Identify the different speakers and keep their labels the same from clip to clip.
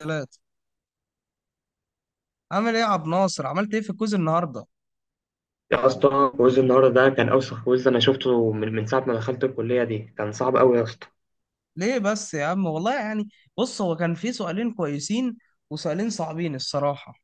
Speaker 1: ثلاثة. عامل ايه يا عبد الناصر؟ عملت ايه في الكوز النهارده؟
Speaker 2: يا اسطى، كويز النهارده ده كان اوسخ كويز انا شفته من ساعه ما دخلت الكليه دي. كان صعب قوي يا اسطى.
Speaker 1: ليه بس يا عم؟ والله يعني، بص، هو كان في سؤالين كويسين وسؤالين صعبين الصراحة.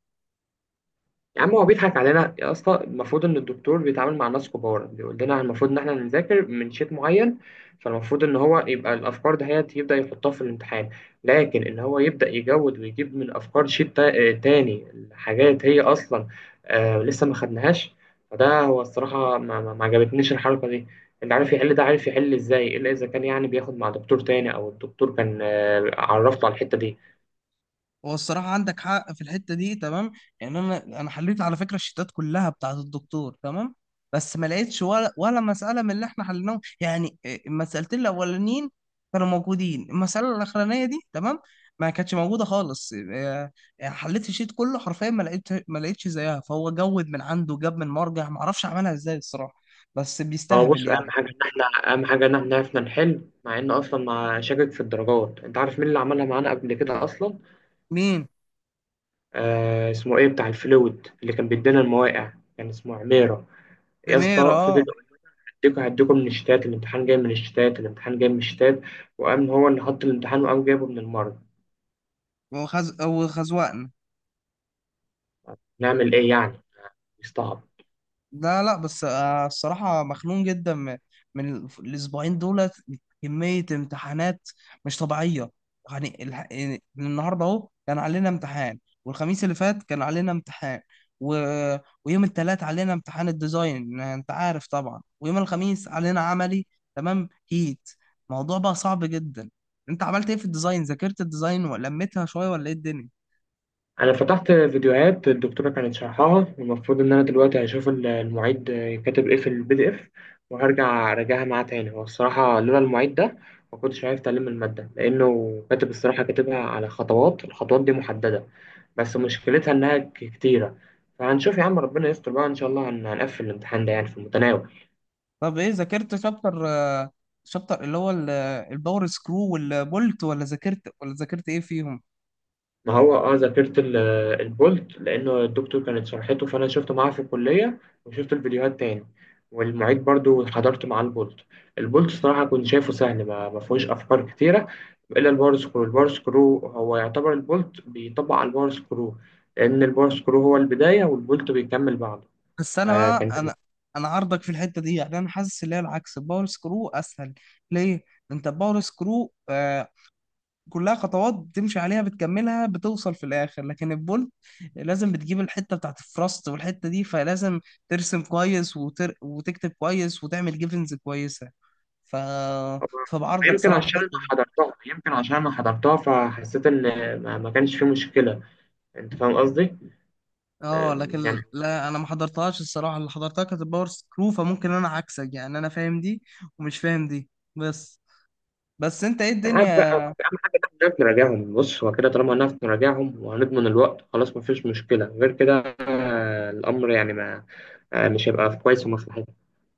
Speaker 2: يا عم هو بيضحك علينا يا اسطى. المفروض ان الدكتور بيتعامل مع ناس كبار، بيقول لنا المفروض ان احنا نذاكر من شيت معين، فالمفروض ان هو يبقى الافكار ده هي يبدا يحطها في الامتحان. لكن ان هو يبدا يجود ويجيب من افكار شيت تاني، حاجات هي اصلا آه لسه ما خدناهاش. فده هو الصراحه ما عجبتنيش الحركه دي. اللي عارف يحل ده عارف يحل ازاي الا اذا كان يعني بياخد مع دكتور تاني او الدكتور كان عرفته على الحته دي.
Speaker 1: هو الصراحة عندك حق في الحتة دي، تمام. يعني أنا حليت على فكرة الشيتات كلها بتاعة الدكتور، تمام. بس ما لقيتش ولا مسألة من اللي إحنا حليناهم، يعني إيه، المسألتين الأولانيين كانوا موجودين، المسألة الأخرانية دي، تمام، ما كانتش موجودة خالص. إيه، حليت الشيت كله حرفيا، ما لقيتش زيها، فهو جود من عنده، جاب من مرجع ما أعرفش عملها إزاي الصراحة، بس
Speaker 2: هو
Speaker 1: بيستهبل
Speaker 2: بص، اهم
Speaker 1: يعني.
Speaker 2: حاجه ان احنا اهم حاجه ان احنا عرفنا نحل، مع ان اصلا ما شاكك في الدرجات. انت عارف مين اللي عملها معانا قبل كده اصلا؟
Speaker 1: مين؟
Speaker 2: اسمه ايه بتاع الفلويد اللي كان بيدينا المواقع. كان اسمه عميره. يا
Speaker 1: إميرة،
Speaker 2: اسطى فضل
Speaker 1: أه.
Speaker 2: يقول: هديكوا هديكوا من الشتات، الامتحان جاي من الشتات، الامتحان جاي من الشتات. وقام هو اللي حط الامتحان وقام جايبه من المرض.
Speaker 1: وخزوقنا.
Speaker 2: نعمل ايه يعني؟ يستعبط.
Speaker 1: لا لا، بس الصراحة مخنوق جدا من الأسبوعين دولت، كمية امتحانات مش طبيعية. يعني، يعني النهاردة أهو كان علينا امتحان، والخميس اللي فات كان علينا امتحان، و... ويوم التلات علينا امتحان الديزاين أنت عارف طبعا، ويوم الخميس علينا عملي، تمام هيت، الموضوع بقى صعب جدا. أنت عملت إيه في الديزاين؟ ذاكرت الديزاين ولمتها شوية ولا إيه الدنيا؟
Speaker 2: انا فتحت فيديوهات الدكتوره كانت شرحها، والمفروض ان انا دلوقتي هشوف المعيد كاتب ايه في البي دي اف، وهرجع اراجعها معاه تاني. هو الصراحه لولا المعيد ده ما كنتش عرفت الماده، لانه كاتب الصراحه كاتبها على خطوات. الخطوات دي محدده بس مشكلتها انها كتيره. فهنشوف يا عم، ربنا يستر بقى، ان شاء الله هنقفل الامتحان ده يعني في المتناول.
Speaker 1: طب ايه، ذاكرت شابتر، شابتر اللي هو الباور سكرو والبولت، ولا ذاكرت، ولا ذاكرت ايه فيهم؟
Speaker 2: ما هو اه ذاكرت البولت، لانه الدكتور كانت شرحته فانا شفته معاه في الكليه، وشفت الفيديوهات تاني، والمعيد برضو حضرت معاه البولت. البولت الصراحه كنت شايفه سهل، ما فيهوش افكار كتيره. الا البار سكرو. البار سكرو هو يعتبر البولت بيطبق على البار سكرو، لان البار سكرو هو البدايه والبولت بيكمل بعده.
Speaker 1: بس انا، بقى،
Speaker 2: فكان
Speaker 1: انا عارضك في الحته دي، يعني انا حاسس ان هي العكس، الباور سكرو اسهل. ليه؟ انت الباور سكرو كلها خطوات بتمشي عليها، بتكملها، بتوصل في الاخر. لكن البولت لازم بتجيب الحته بتاعت الفراست والحته دي، فلازم ترسم كويس وتكتب كويس وتعمل جيفنز كويسه. ف فبعرضك صراحه في الحته دي.
Speaker 2: يمكن عشان انا حضرتها فحسيت ان ما كانش في مشكله. انت فاهم قصدي؟
Speaker 1: اه،
Speaker 2: يعني.
Speaker 1: لكن لا، انا ما حضرتهاش الصراحه، اللي حضرتها كانت الباور سكرو، فممكن انا عكسك، يعني انا فاهم دي ومش فاهم دي. بس بس انت ايه
Speaker 2: عاد بقى،
Speaker 1: الدنيا؟
Speaker 2: بس اهم حاجه ان احنا نعرف نراجعهم. بص هو كده، طالما هنعرف نراجعهم وهنضمن الوقت خلاص مفيش مشكله. غير كده الامر يعني ما مش هيبقى في كويس ومصلحتنا.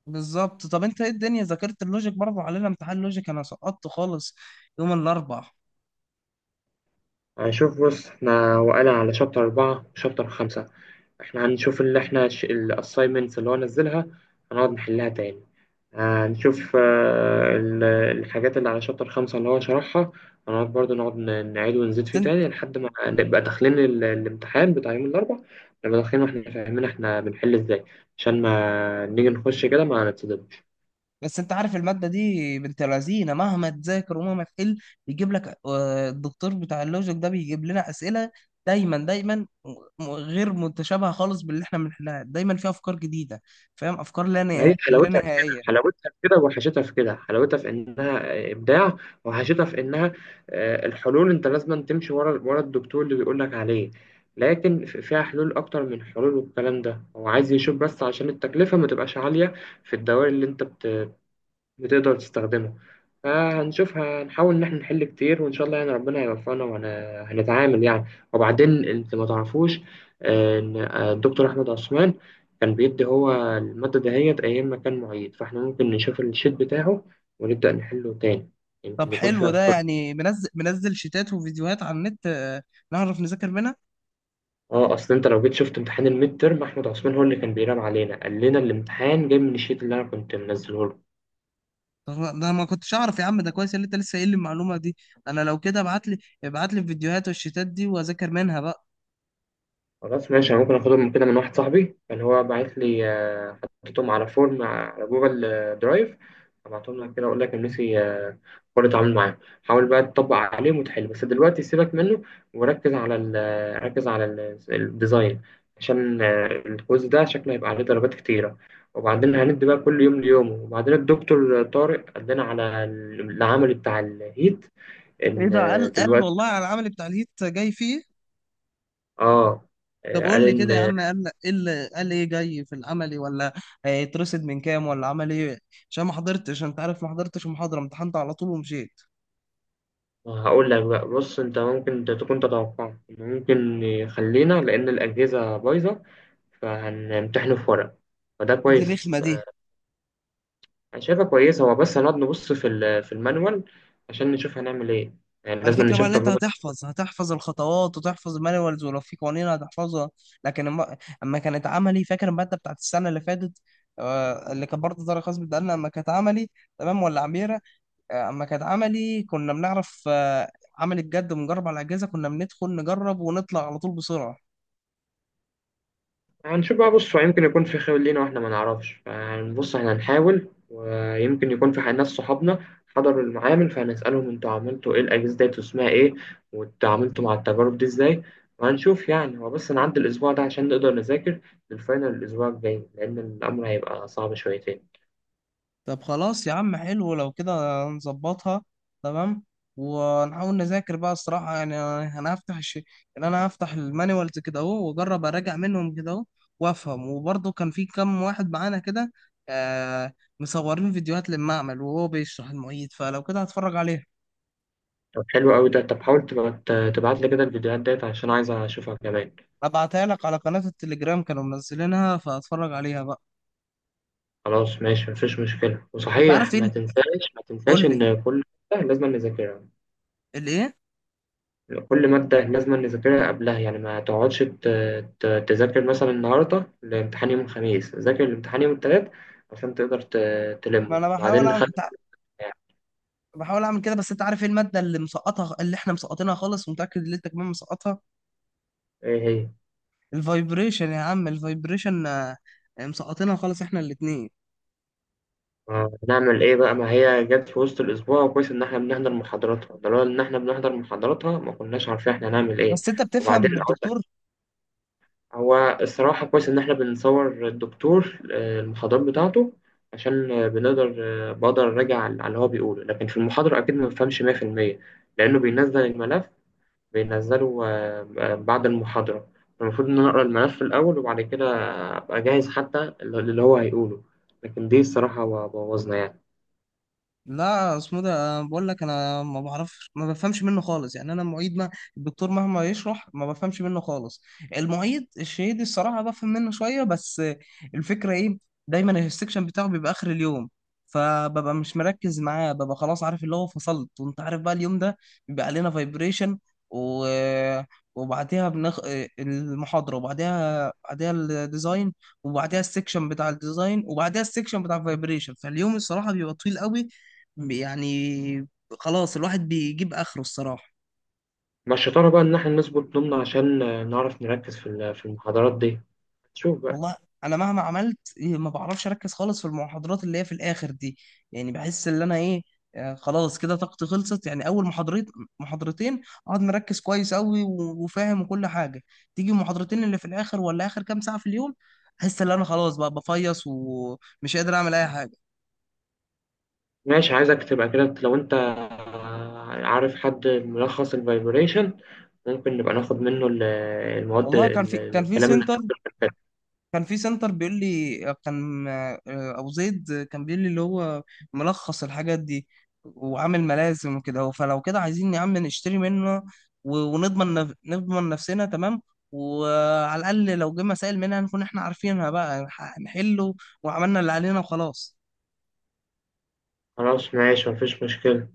Speaker 1: بالظبط. طب انت ايه الدنيا، ذاكرت اللوجيك؟ برضه علينا امتحان لوجيك، انا سقطت خالص يوم الاربع.
Speaker 2: هنشوف. بص احنا وقعنا على شابتر أربعة وشابتر خمسة. احنا هنشوف اللي احنا الأسايمنتس اللي هو نزلها، هنقعد نحلها تاني. هنشوف الحاجات اللي على شابتر خمسة اللي هو شرحها، هنقعد برضه نقعد نعيد ونزيد
Speaker 1: بس
Speaker 2: فيه
Speaker 1: انت
Speaker 2: تاني لحد ما نبقى داخلين الامتحان بتاع يوم الأربع. نبقى داخلين واحنا فاهمين احنا بنحل ازاي، عشان ما نيجي نخش كده ما نتصدمش.
Speaker 1: بس انت عارف الماده دي بنت لذينه، مهما تذاكر ومهما تحل بيجيب لك، الدكتور بتاع اللوجيك ده بيجيب لنا اسئله دايما دايما، غير متشابهه خالص باللي احنا بنحلها، دايما فيها افكار جديده، فاهم؟ افكار لا
Speaker 2: ما هي
Speaker 1: نهائيه لا
Speaker 2: حلاوتها في كده،
Speaker 1: نهائيه.
Speaker 2: حلاوتها في كده، وحشتها في كده. حلاوتها في انها ابداع، وحشتها في انها الحلول انت لازم تمشي ورا ورا الدكتور اللي بيقول لك عليه. لكن فيها حلول اكتر من حلول، والكلام ده هو عايز يشوف بس عشان التكلفة ما تبقاش عالية في الدوائر اللي انت بتقدر تستخدمه. آه هنشوفها، هنحاول إن إحنا نحل كتير، وإن شاء الله يعني ربنا يوفقنا وهنتعامل يعني. وبعدين أنت ما تعرفوش إن الدكتور أحمد عثمان كان بيدي هو المادة دهيت أيام ما كان معيد، فإحنا ممكن نشوف الشيت بتاعه ونبدأ نحله تاني.
Speaker 1: طب
Speaker 2: يمكن يكون فيه
Speaker 1: حلو ده،
Speaker 2: أفكار.
Speaker 1: يعني منزل شيتات وفيديوهات على النت، نعرف نذاكر منها.
Speaker 2: اه اصل انت لو جيت شفت امتحان الميد ترم، احمد عثمان هو اللي كان بيراقب علينا. قال لنا الامتحان جاي من الشيت اللي انا كنت منزله له.
Speaker 1: طب، ده ما كنتش اعرف يا عم، ده كويس اللي انت لسه قايل لي المعلومه دي، انا لو كده ابعت لي الفيديوهات والشيتات دي واذاكر منها بقى.
Speaker 2: خلاص ماشي، انا ممكن اخده من كده، من واحد صاحبي كان هو باعت لي. حطيتهم على فورم على جوجل درايف. هبعتهم لك كده، اقول لك النسي قرر اتعامل معاه. حاول بقى تطبق عليهم وتحل. بس دلوقتي سيبك منه وركز على ال ركز على ال- الديزاين، عشان الكويز ده شكله هيبقى عليه درجات كتيرة. وبعدين هندي بقى كل يوم ليومه. وبعدين الدكتور طارق قال على العمل بتاع الهيت
Speaker 1: ايه
Speaker 2: ان
Speaker 1: ده، قال
Speaker 2: دلوقتي.
Speaker 1: والله على العمل بتاع الهيت جاي فيه؟
Speaker 2: اه
Speaker 1: طب
Speaker 2: قال
Speaker 1: قول لي كده يا
Speaker 2: ان.
Speaker 1: عم، قال ايه جاي في العملي ولا هيترصد من كام ولا عمل ايه؟ عشان ما حضرتش، انت عارف، ما حضرتش المحاضره، امتحنت على طول ومشيت.
Speaker 2: هقول لك بقى. بص انت ممكن تكون تتوقع انه ممكن يخلينا، لان الاجهزه بايظه، فهنمتحنه في ورق. فده
Speaker 1: دي الرخمه
Speaker 2: كويس.
Speaker 1: دي.
Speaker 2: انا شايفها كويس. هو بس هنقعد نبص في في المانوال عشان نشوف هنعمل ايه. يعني لازم
Speaker 1: الفكرة بقى
Speaker 2: نشوف
Speaker 1: ان انت
Speaker 2: تجربه.
Speaker 1: هتحفظ الخطوات وتحفظ المانيوالز، ولو في قوانين هتحفظها. لكن أما كانت عملي، فاكر المادة بتاعت السنة اللي فاتت؟ اللي كان برضه درجة خاص بالدقن، اما كانت عملي، تمام ولا عميرة؟ اما كانت عملي كنا بنعرف عمل الجد ونجرب على الأجهزة، كنا بندخل نجرب ونطلع على طول بسرعة.
Speaker 2: هنشوف بقى. بص هو يمكن يكون في خير لينا واحنا ما نعرفش. فبص احنا هنحاول، ويمكن يكون في ناس صحابنا حضروا المعامل فهنسألهم انتوا عملتوا ايه، الأجهزة ديت واسمها ايه، وتعاملتوا مع التجارب دي ازاي. وهنشوف يعني. هو بس نعدي الأسبوع ده عشان نقدر نذاكر للفاينل الأسبوع الجاي، لأن الأمر هيبقى صعب شويتين.
Speaker 1: طب خلاص يا عم، حلو لو كده نظبطها تمام، ونحاول نذاكر بقى الصراحة يعني. أنا هفتح الشيء، يعني أنا هفتح المانيوالز كده أهو، وأجرب أراجع منهم كده أهو وأفهم. وبرضه كان في كام واحد معانا كده، آه، مصورين فيديوهات للمعمل وهو بيشرح المعيد، فلو كده هتفرج عليها.
Speaker 2: طب حلو قوي ده. طب حاول تبقى تبعت لي كده الفيديوهات ديت عشان عايز أشوفها كمان.
Speaker 1: أبعتها لك على قناة التليجرام، كانوا منزلينها فهتفرج عليها بقى.
Speaker 2: خلاص ماشي مفيش مشكلة.
Speaker 1: أنت عارف
Speaker 2: وصحيح،
Speaker 1: إيه؟
Speaker 2: ما تنساش. ما تنساش
Speaker 1: قول لي.
Speaker 2: إن كل حاجة لازم نذاكرها.
Speaker 1: الإيه؟
Speaker 2: كل مادة لازم نذاكرها قبلها يعني، ما تقعدش تذاكر مثلا النهاردة الامتحان يوم الخميس، ذاكر الامتحان يوم التلات عشان تقدر
Speaker 1: ما
Speaker 2: تلمه،
Speaker 1: أنا بحاول،
Speaker 2: وبعدين نخلي.
Speaker 1: بحاول اعمل كده، بس انت عارف ايه الماده اللي مسقطها، اللي احنا مسقطينها خالص ومتاكد ان انت كمان مسقطها؟
Speaker 2: ايه هي؟
Speaker 1: الفايبريشن يا عم، الفايبريشن، مسقطينها خالص احنا الاتنين.
Speaker 2: ما نعمل ايه بقى، ما هي جت في وسط الاسبوع. كويس ان احنا بنحضر محاضراتها، ده لولا ان احنا بنحضر محاضراتها ما كناش عارفين احنا هنعمل ايه.
Speaker 1: بس انت بتفهم
Speaker 2: وبعدين
Speaker 1: من الدكتور؟
Speaker 2: هو الصراحة كويس إن إحنا بنصور الدكتور المحاضرات بتاعته عشان بنقدر بقدر أراجع على اللي هو بيقوله. لكن في المحاضرة أكيد ما بفهمش 100% لأنه بينزل الملف. بينزله بعد المحاضرة. المفروض إن أنا أقرأ الملف الأول وبعد كده أبقى جاهز حتى اللي هو هيقوله، لكن دي الصراحة بوظنا يعني.
Speaker 1: لا، اسمه ده، أنا بقول لك انا ما بعرفش، ما بفهمش منه خالص، يعني انا المعيد ما، الدكتور مهما يشرح ما بفهمش منه خالص. المعيد الشهيدي الصراحه بفهم منه شويه بس. الفكره ايه؟ دايما السكشن بتاعه بيبقى اخر اليوم، فببقى مش مركز معاه، ببقى خلاص عارف اللي هو فصلت، وانت عارف بقى. اليوم ده بيبقى علينا فايبريشن، و... وبعديها بنخ... المحاضره، بعديها الديزاين، وبعديها السكشن بتاع الديزاين، وبعديها السكشن بتاع الفايبريشن، فاليوم الصراحه بيبقى طويل قوي. يعني خلاص الواحد بيجيب اخره الصراحه.
Speaker 2: مع الشطارة بقى إن إحنا نظبط نومنا عشان نعرف نركز في في المحاضرات دي. شوف.
Speaker 1: والله انا مهما عملت إيه، ما بعرفش اركز خالص في المحاضرات اللي هي في الاخر دي، يعني بحس ان انا ايه، خلاص كده طاقتي خلصت، يعني اول محاضرتين اقعد مركز كويس قوي وفاهم وكل حاجه. تيجي المحاضرتين اللي في الاخر ولا اخر كام ساعه في اليوم احس ان انا خلاص بقى بفيص ومش قادر اعمل اي حاجه.
Speaker 2: ماشي، عايزك تبقى كده. لو انت عارف حد ملخص الفايبريشن ممكن نبقى ناخد منه المواد
Speaker 1: والله
Speaker 2: الكلام اللي هتكتب في الكتاب.
Speaker 1: كان في سنتر بيقول لي، كان ابو زيد كان بيقول لي اللي هو ملخص الحاجات دي وعامل ملازم وكده اهو. فلو كده عايزين يا عم نشتري منه نضمن نفسنا تمام، وعلى الاقل لو جه مسائل منها نكون احنا عارفينها بقى، نحله وعملنا اللي علينا وخلاص.
Speaker 2: خلاص ماشي مفيش مشكلة.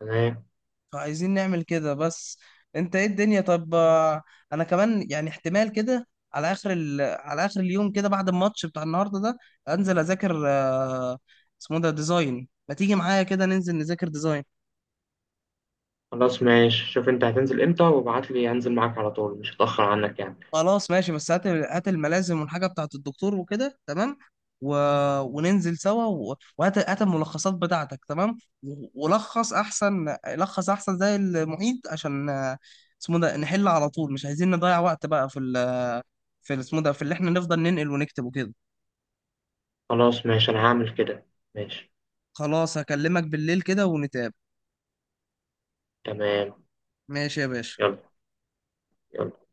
Speaker 2: تمام.
Speaker 1: فعايزين نعمل كده بس. انت ايه الدنيا، طب، انا كمان يعني احتمال كده، على على اخر اليوم كده بعد الماتش بتاع النهارده ده انزل اذاكر، اسمه ده ديزاين، ما تيجي معايا كده ننزل نذاكر ديزاين؟
Speaker 2: خلاص ماشي. شوف انت هتنزل امتى وابعت لي، هنزل معاك على طول مش هتأخر عنك يعني.
Speaker 1: خلاص ماشي. بس هات هات الملازم والحاجة بتاعت الدكتور وكده تمام، و... وننزل سوا، وهات هات الملخصات بتاعتك تمام، ولخص أحسن، لخص أحسن زي المعيد، عشان اسمه ده نحل على طول، مش عايزين نضيع وقت بقى اسمه ده في اللي احنا نفضل ننقل ونكتب وكده.
Speaker 2: خلاص ماشي، انا هعمل كده. ماشي.
Speaker 1: خلاص، هكلمك بالليل كده ونتقابل.
Speaker 2: تمام.
Speaker 1: ماشي يا باشا.
Speaker 2: يلا. يلا.